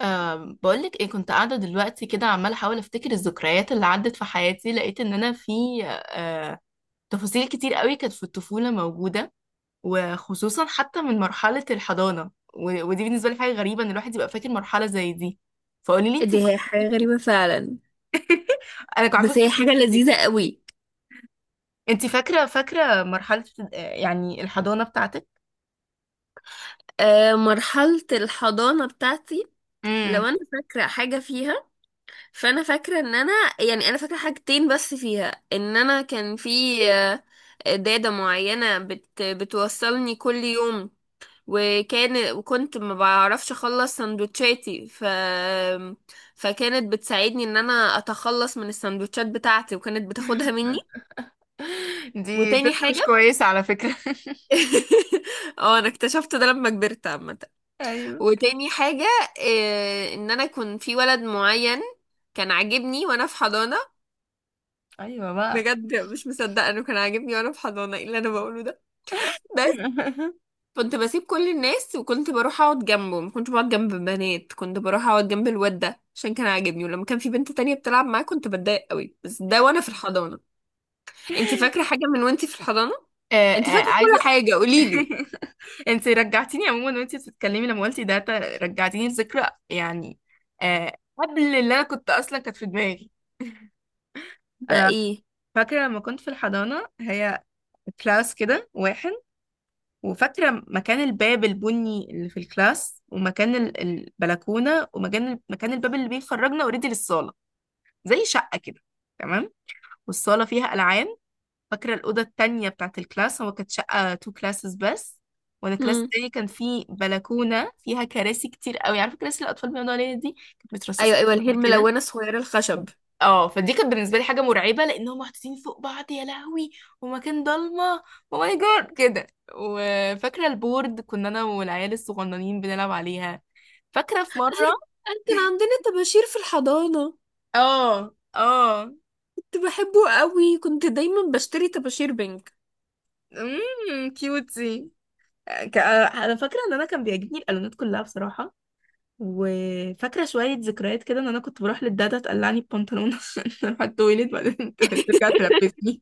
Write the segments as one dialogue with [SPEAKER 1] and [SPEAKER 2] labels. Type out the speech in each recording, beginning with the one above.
[SPEAKER 1] بقولك ايه، كنت قاعدة دلوقتي كده عمالة احاول افتكر الذكريات اللي عدت في حياتي. لقيت ان انا في أه تفاصيل كتير قوي كانت في الطفولة موجودة، وخصوصا حتى من مرحلة الحضانة ودي بالنسبة لي حاجة غريبة ان الواحد يبقى فاكر مرحلة زي دي. فقولي لي انت.
[SPEAKER 2] دي هي حاجة غريبة فعلا.
[SPEAKER 1] انا كنت عارفة
[SPEAKER 2] بس هي
[SPEAKER 1] كنت
[SPEAKER 2] حاجة
[SPEAKER 1] هسألك،
[SPEAKER 2] لذيذة قوي.
[SPEAKER 1] انت فاكرة مرحلة يعني الحضانة بتاعتك؟
[SPEAKER 2] آه، مرحلة الحضانة بتاعتي،
[SPEAKER 1] امم.
[SPEAKER 2] لو انا فاكرة حاجة فيها، فانا فاكرة ان انا، يعني انا فاكرة حاجتين بس فيها. ان انا كان في آه، دادة معينة بتوصلني كل يوم، وكنت ما بعرفش اخلص سندوتشاتي، فكانت بتساعدني ان انا اتخلص من السندوتشات بتاعتي، وكانت بتاخدها مني.
[SPEAKER 1] دي
[SPEAKER 2] وتاني
[SPEAKER 1] ست مش
[SPEAKER 2] حاجة
[SPEAKER 1] كويسة على فكرة.
[SPEAKER 2] اه انا اكتشفت ده لما كبرت عامة.
[SPEAKER 1] ايوه،
[SPEAKER 2] وتاني حاجة إيه، ان انا كنت في ولد معين كان عاجبني وانا في حضانة.
[SPEAKER 1] ايوه بقى.
[SPEAKER 2] بجد مش مصدقة انه كان عاجبني وانا في حضانة، ايه اللي انا بقوله ده. بس كنت بسيب كل الناس وكنت بروح اقعد جنبه، ما كنتش بقعد جنب بنات، كنت بروح اقعد جنب الواد ده عشان كان عاجبني، ولما كان في بنت تانية بتلعب معاه كنت بتضايق قوي. بس ده وانا في الحضانة. انت فاكرة حاجة من وانت في الحضانة؟
[SPEAKER 1] آه،
[SPEAKER 2] انت
[SPEAKER 1] آه،
[SPEAKER 2] فاكرة
[SPEAKER 1] عايزة.
[SPEAKER 2] كل حاجة، قوليلي.
[SPEAKER 1] انت رجعتيني عموما وانت بتتكلمي لما قلتي ده، رجعتيني لذكرى يعني، قبل اللي انا كنت اصلا كانت في دماغي.
[SPEAKER 2] ده
[SPEAKER 1] انا
[SPEAKER 2] ايه؟
[SPEAKER 1] فاكره لما كنت في الحضانه هي كلاس كده واحد، وفاكره مكان الباب البني اللي في الكلاس ومكان البلكونه ومكان الباب اللي بيخرجنا اوريدي للصاله، زي شقه كده. تمام. والصاله فيها العاب. فاكرة الأوضة التانية بتاعت الكلاس، هو كانت شقة تو كلاسز بس. وأنا الكلاس التاني كان فيه بلكونة فيها كراسي كتير قوي، عارفة كراسي الأطفال بيقعدوا عليها دي، كانت
[SPEAKER 2] ايوه
[SPEAKER 1] مترصصة
[SPEAKER 2] ايوه،
[SPEAKER 1] في
[SPEAKER 2] اللي هي
[SPEAKER 1] بعض كده.
[SPEAKER 2] الملونه الصغيره الخشب.
[SPEAKER 1] اه، فدي كانت بالنسبة لي حاجة مرعبة لأن هم محطوطين فوق بعض، يا لهوي. ومكان ضلمة، او ماي جاد كده. وفاكرة البورد كنا أنا والعيال الصغننين بنلعب عليها. فاكرة في مرة.
[SPEAKER 2] أنا كان عندنا طباشير في الحضانه،
[SPEAKER 1] اه، اه.
[SPEAKER 2] كنت بحبه قوي، كنت دايما بشتري طباشير بينك.
[SPEAKER 1] كيوتي. انا فاكره ان انا كان بيعجبني الالوانات كلها بصراحه. وفاكره شويه ذكريات كده، ان انا كنت بروح للدادا تقلعني البنطلون عشان اروح التويليت، بعدين ترجع تلبسني.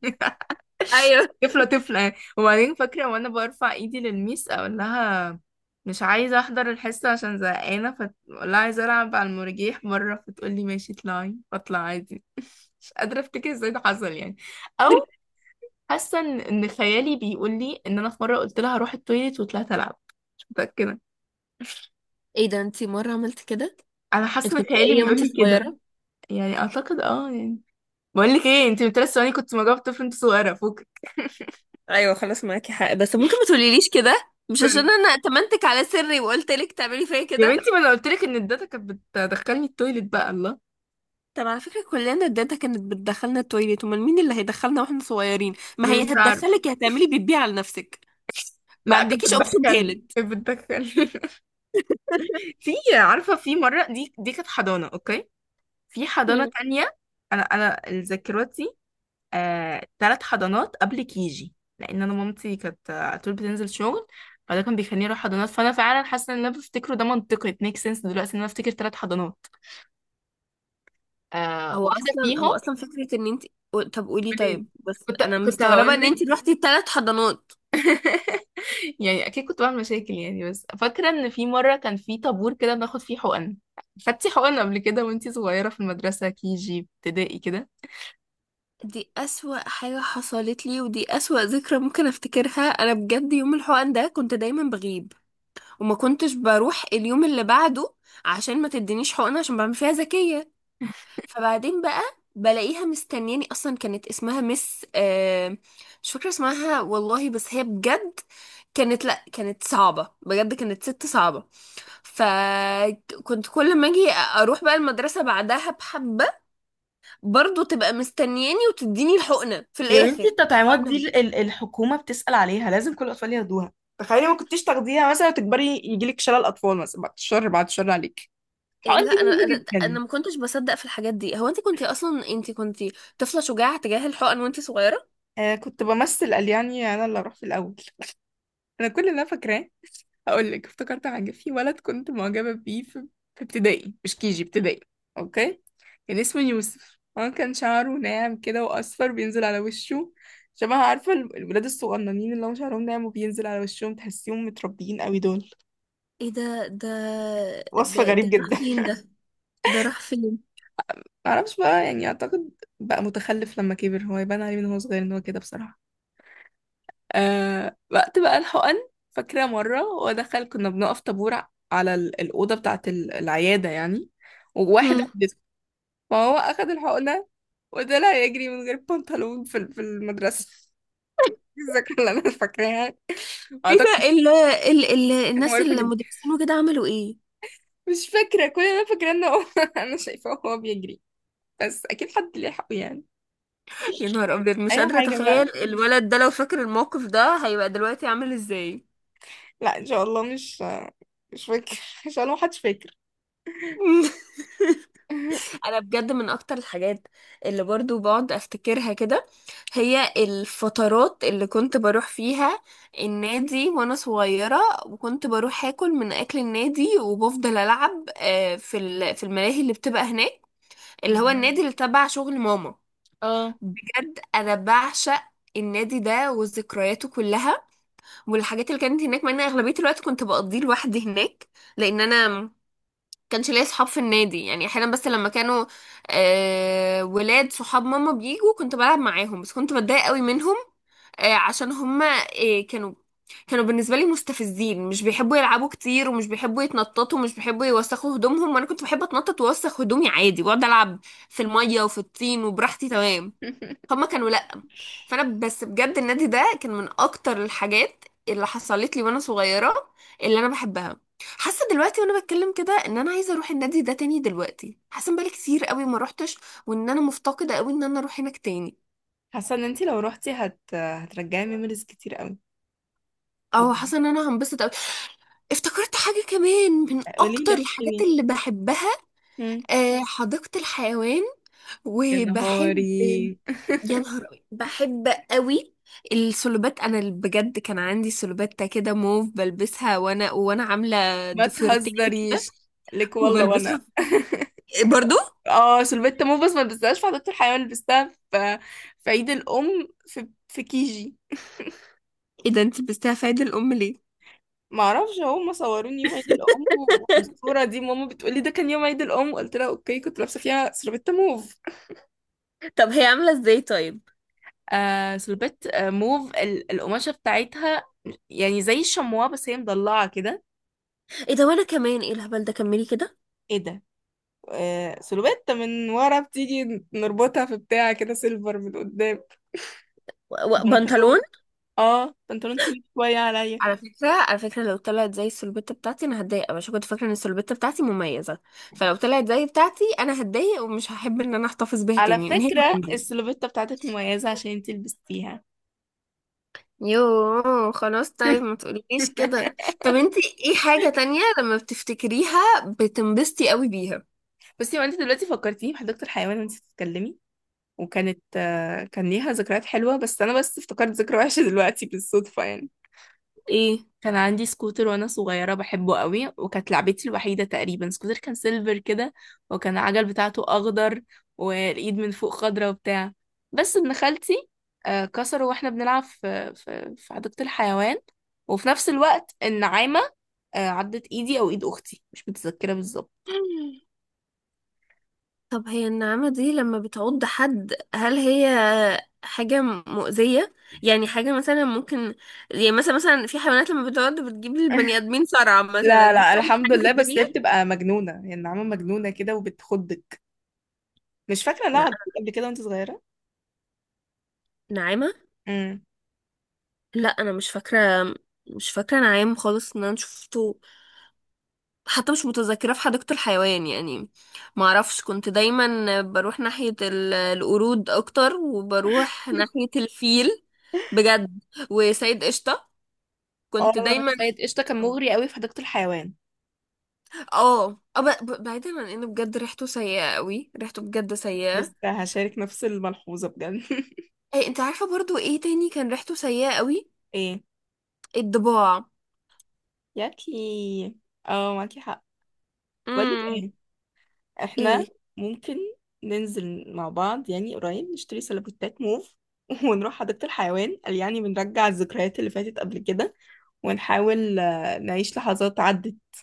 [SPEAKER 2] ايوه.
[SPEAKER 1] طفله طفله يعني. وبعدين فاكره وانا برفع ايدي للميس، اقول لها مش عايزه احضر الحصه عشان زهقانه، فاقول لها عايزه العب على المرجيح بره، فتقول لي ماشي اطلعي، فاطلع عادي. مش قادره افتكر ازاي ده حصل يعني. او حاسه ان خيالي بيقول لي ان انا في مره قلت لها هروح التويليت وطلعت العب. مش متاكده.
[SPEAKER 2] ايه ده، انتي مره عملت كده؟
[SPEAKER 1] انا
[SPEAKER 2] انت
[SPEAKER 1] حاسه ان
[SPEAKER 2] كنت
[SPEAKER 1] خيالي
[SPEAKER 2] شقيه
[SPEAKER 1] بيقول
[SPEAKER 2] وانتي
[SPEAKER 1] لي كده.
[SPEAKER 2] صغيره؟
[SPEAKER 1] يعني اعتقد اه يعني. بقول لك ايه، انت من 3 ثواني كنت مجاوب طفل انت صغيره فوقك.
[SPEAKER 2] ايوه خلاص، معاكي حق، بس ممكن ما تقوليليش كده، مش
[SPEAKER 1] سوري.
[SPEAKER 2] عشان انا اتمنتك على سري وقلت لك تعملي فيا
[SPEAKER 1] يا
[SPEAKER 2] كده.
[SPEAKER 1] بنتي ما انا قلت لك ان الداتا كانت بتدخلني التويليت بقى الله.
[SPEAKER 2] طب على فكره، كلنا الداتا كانت بتدخلنا التويليت، امال مين اللي هيدخلنا واحنا صغيرين؟ ما هي
[SPEAKER 1] مش عارف.
[SPEAKER 2] هتدخلك، هتعملي بتبيع على نفسك. ما
[SPEAKER 1] لا، كانت
[SPEAKER 2] عندكيش اوبشن
[SPEAKER 1] بتدخلني
[SPEAKER 2] تالت؟
[SPEAKER 1] كانت بتدخلني. في. عارفه في مره، دي كانت حضانه، اوكي. في حضانه تانية، انا ذاكرتي. ثلاث حضانات قبل كيجي، لان انا مامتي كانت على طول بتنزل شغل، فده كان بيخليني اروح حضانات. فانا فعلا حاسه ان اللي انا بفتكره ده منطقي، it makes sense دلوقتي ان انا افتكر ثلاث حضانات.
[SPEAKER 2] هو
[SPEAKER 1] واحده
[SPEAKER 2] اصلا هو
[SPEAKER 1] فيهم.
[SPEAKER 2] اصلا فكره ان انت، طب قولي. طيب
[SPEAKER 1] قوليلي،
[SPEAKER 2] بس
[SPEAKER 1] كنت
[SPEAKER 2] انا
[SPEAKER 1] كنت
[SPEAKER 2] مستغربه
[SPEAKER 1] هقول
[SPEAKER 2] ان
[SPEAKER 1] لك.
[SPEAKER 2] انت روحتي 3 حضانات.
[SPEAKER 1] يعني اكيد كنت بعمل مشاكل يعني، بس فاكره ان في مره كان في طابور كده بناخد فيه حقن. خدتي حقن قبل كده وانتي صغيره في المدرسه كي جي ابتدائي كده؟
[SPEAKER 2] دي اسوأ حاجه حصلت لي، ودي اسوأ ذكرى ممكن افتكرها انا بجد. يوم الحقن ده كنت دايما بغيب، وما كنتش بروح اليوم اللي بعده عشان ما تدينيش حقنه، عشان بعمل فيها ذكيه. فبعدين بقى بلاقيها مستنياني. اصلا كانت اسمها مس مش فاكره اسمها والله، بس هي بجد كانت، لا كانت صعبه بجد، كانت ست صعبه. فكنت كل ما اجي اروح بقى المدرسة بعدها بحبة، برضو تبقى مستنياني وتديني الحقنة في
[SPEAKER 1] يا بنتي
[SPEAKER 2] الاخر.
[SPEAKER 1] التطعيمات دي
[SPEAKER 2] وانا
[SPEAKER 1] الحكومة بتسأل عليها، لازم كل الأطفال ياخدوها. تخيلي ما كنتيش تاخديها مثلا وتكبري يجيلك شلل أطفال مثلا، بعد الشر بعد الشر عليك.
[SPEAKER 2] إيه،
[SPEAKER 1] الحقن
[SPEAKER 2] لا
[SPEAKER 1] دي
[SPEAKER 2] انا انا
[SPEAKER 1] مهمة
[SPEAKER 2] انا
[SPEAKER 1] جدا.
[SPEAKER 2] ما كنتش بصدق في الحاجات دي. هو انت كنتي طفلة شجاعة تجاه الحقن وانت صغيرة.
[SPEAKER 1] كنت بمثل قال يعني أنا اللي أروح في الأول. أنا كل اللي أنا فاكراه، هقول لك، افتكرت حاجة في ولد كنت معجبة بيه في ابتدائي مش كيجي ابتدائي، اوكي. كان اسمه يوسف، هو كان شعره ناعم كده واصفر بينزل على وشه، شبه عارفة الولاد الصغننين اللي هم شعرهم ناعم وبينزل على وشهم، تحسيهم متربيين قوي دول.
[SPEAKER 2] ايه ده ده
[SPEAKER 1] وصف
[SPEAKER 2] ده
[SPEAKER 1] غريب
[SPEAKER 2] ده راح
[SPEAKER 1] جدا.
[SPEAKER 2] فين ده؟ ده راح فين؟
[SPEAKER 1] معرفش بقى، يعني اعتقد بقى متخلف لما كبر هو، يبان عليه من هو صغير ان هو كده بصراحة. وقت بقى الحقن، فاكرة مرة هو دخل كنا بنقف طابور على الأوضة بتاعة العيادة يعني. وواحد
[SPEAKER 2] هم.
[SPEAKER 1] ما هو أخد الحقنة وطلع يجري من غير بنطلون في المدرسة. دي الذاكرة اللي أنا فاكراها.
[SPEAKER 2] ايه
[SPEAKER 1] أعتقد
[SPEAKER 2] ده،
[SPEAKER 1] دي
[SPEAKER 2] ال ال ال
[SPEAKER 1] حاجة
[SPEAKER 2] الناس
[SPEAKER 1] معروفة جدا.
[SPEAKER 2] المدرسين وكده عملوا ايه؟
[SPEAKER 1] مش فاكرة، كل اللي أنا فاكراه إن هو أنا شايفاه وهو بيجري، بس أكيد حد لحقه يعني.
[SPEAKER 2] يا نهار ابيض، مش
[SPEAKER 1] أي
[SPEAKER 2] قادرة
[SPEAKER 1] حاجة بقى.
[SPEAKER 2] اتخيل الولد ده لو فاكر الموقف ده هيبقى دلوقتي عامل ازاي.
[SPEAKER 1] لا إن شاء الله مش فاكر. إن شاء الله محدش فاكر.
[SPEAKER 2] انا بجد من اكتر الحاجات اللي برضو بقعد افتكرها كده، هي الفترات اللي كنت بروح فيها النادي وانا صغيرة. وكنت بروح اكل من اكل النادي، وبفضل العب في في الملاهي اللي بتبقى هناك، اللي هو
[SPEAKER 1] والله.
[SPEAKER 2] النادي اللي تبع شغل ماما.
[SPEAKER 1] اه.
[SPEAKER 2] بجد انا بعشق النادي ده وذكرياته كلها، والحاجات اللي كانت هناك، مع ان اغلبية الوقت كنت بقضيه لوحدي هناك، لان انا كانش ليا صحاب في النادي. يعني احيانا بس لما كانوا ولاد صحاب ماما بيجوا كنت بلعب معاهم، بس كنت بتضايق قوي منهم، عشان هما كانوا بالنسبة لي مستفزين، مش بيحبوا يلعبوا كتير، ومش بيحبوا يتنططوا، ومش بيحبوا يوسخوا هدومهم. وانا كنت بحب اتنطط واوسخ هدومي عادي، واقعد العب في المية وفي الطين وبراحتي تمام. هما كانوا لا. فانا بس بجد النادي ده كان من اكتر الحاجات اللي حصلت لي وانا صغيره، اللي انا بحبها. حاسه دلوقتي وانا بتكلم كده ان انا عايزه اروح النادي ده تاني دلوقتي، حاسه ان بقالي كتير قوي ما روحتش، وان انا مفتقده قوي ان انا اروح هناك تاني.
[SPEAKER 1] حاسة إن أنتي لو روحتي هترجعي ميموريز كتير قوي،
[SPEAKER 2] او،
[SPEAKER 1] بجد.
[SPEAKER 2] حاسه ان انا هنبسط قوي. افتكرت حاجه كمان من
[SPEAKER 1] قولي
[SPEAKER 2] اكتر
[SPEAKER 1] لي، احكي
[SPEAKER 2] الحاجات
[SPEAKER 1] لي.
[SPEAKER 2] اللي بحبها،
[SPEAKER 1] مم.
[SPEAKER 2] حديقة الحيوان.
[SPEAKER 1] يا
[SPEAKER 2] وبحب،
[SPEAKER 1] نهاري.
[SPEAKER 2] يا نهار أوي. بحب قوي السلوبات. انا بجد كان عندي سلوبات كده موف بلبسها، وانا عامله
[SPEAKER 1] ما
[SPEAKER 2] ضفيرتين
[SPEAKER 1] تهزريش لك والله.
[SPEAKER 2] وبلبسها.
[SPEAKER 1] وانا
[SPEAKER 2] إيه برضو؟
[SPEAKER 1] اه سلفيت موفز ما لبستهاش في حديقة الحيوان، لبستها في في عيد الام، في كيجي.
[SPEAKER 2] ايه ده، انت لبستها في عيد الام ليه؟
[SPEAKER 1] ما اعرفش، هم صوروني يوم عيد الام، وبالصوره دي ماما بتقولي ده كان يوم عيد الام، قلت لها اوكي كنت لابسه فيها سلفيت موف.
[SPEAKER 2] طب هي عاملة ازاي طيب؟
[SPEAKER 1] سلفيت موف، القماشه بتاعتها يعني زي الشمواه بس هي مضلعه كده.
[SPEAKER 2] ايه ده، وانا كمان، ايه الهبل ده، كملي كده.
[SPEAKER 1] ايه ده. سلوبيت من ورا بتيجي نربطها في بتاع كده سيلفر من قدام.
[SPEAKER 2] و- و-
[SPEAKER 1] بنطلون
[SPEAKER 2] بنطلون.
[SPEAKER 1] اه بنطلون طويل شوية عليا.
[SPEAKER 2] على فكرة، على فكرة لو طلعت زي السلبتة بتاعتي أنا هتضايق أوي، عشان كنت فاكرة إن السلبتة بتاعتي مميزة. فلو طلعت زي بتاعتي أنا هتضايق، ومش هحب إن أنا أحتفظ بيها
[SPEAKER 1] على
[SPEAKER 2] تاني، إن هي
[SPEAKER 1] فكرة
[SPEAKER 2] عندي.
[SPEAKER 1] السلوفيتا بتاعتك مميزة عشان انت لبستيها.
[SPEAKER 2] يوه، خلاص طيب ما تقوليليش كده. طب انتي ايه حاجة تانية لما بتفتكريها بتنبسطي قوي بيها؟
[SPEAKER 1] بصي، وانت دلوقتي فكرتيني بحديقة الحيوان وانت بتتكلمي، وكانت آه، كان ليها ذكريات حلوة، بس انا بس افتكرت ذكرى وحشة دلوقتي بالصدفة يعني.
[SPEAKER 2] ايه؟
[SPEAKER 1] كان عندي سكوتر وانا صغيره بحبه قوي، وكانت لعبتي الوحيده تقريبا سكوتر، كان سيلفر كده، وكان العجل بتاعته اخضر، والايد من فوق خضره وبتاع. بس ابن خالتي كسره واحنا بنلعب في في حديقه الحيوان. وفي نفس الوقت النعامه عضت ايدي او ايد اختي، مش متذكره بالظبط.
[SPEAKER 2] طب هي النعامة دي لما بتعض حد، هل هي حاجة مؤذية؟ يعني حاجة مثلا ممكن، يعني مثلا في حيوانات لما بتعض بتجيب للبني آدمين صرع مثلا،
[SPEAKER 1] لا،
[SPEAKER 2] دي
[SPEAKER 1] لا،
[SPEAKER 2] بتعمل
[SPEAKER 1] الحمد
[SPEAKER 2] حاجة في
[SPEAKER 1] لله، بس هي
[SPEAKER 2] الدنيا؟
[SPEAKER 1] بتبقى مجنونة يعني. النعامة مجنونة كده وبتخضك. مش فاكرة لا
[SPEAKER 2] لا،
[SPEAKER 1] عضتك قبل كده وانت صغيرة.
[SPEAKER 2] نعامة؟
[SPEAKER 1] امم.
[SPEAKER 2] لا أنا مش فاكرة، مش فاكرة نعام خالص إن أنا شفته، حتى مش متذكرة في حديقة الحيوان يعني. معرفش، كنت دايما بروح ناحية القرود أكتر، وبروح ناحية الفيل. بجد. وسيد قشطة، كنت
[SPEAKER 1] اه،
[SPEAKER 2] دايما،
[SPEAKER 1] سيد قشطه كان مغري قوي في حديقه الحيوان.
[SPEAKER 2] اه بعيدا عن ان بجد ريحته سيئة قوي، ريحته بجد سيئة.
[SPEAKER 1] لسه هشارك نفس الملحوظة بجد.
[SPEAKER 2] ايه انت عارفة برضو ايه تاني كان ريحته سيئة قوي؟
[SPEAKER 1] ايه.
[SPEAKER 2] الضباع.
[SPEAKER 1] ياكي. اه، معاكي حق. بقولك
[SPEAKER 2] امم.
[SPEAKER 1] ايه، احنا
[SPEAKER 2] ايه؟
[SPEAKER 1] ممكن ننزل مع بعض يعني قريب، نشتري سيلبوتات موف ونروح حديقة الحيوان، قال يعني بنرجع الذكريات اللي فاتت قبل كده، ونحاول نعيش لحظات عدت.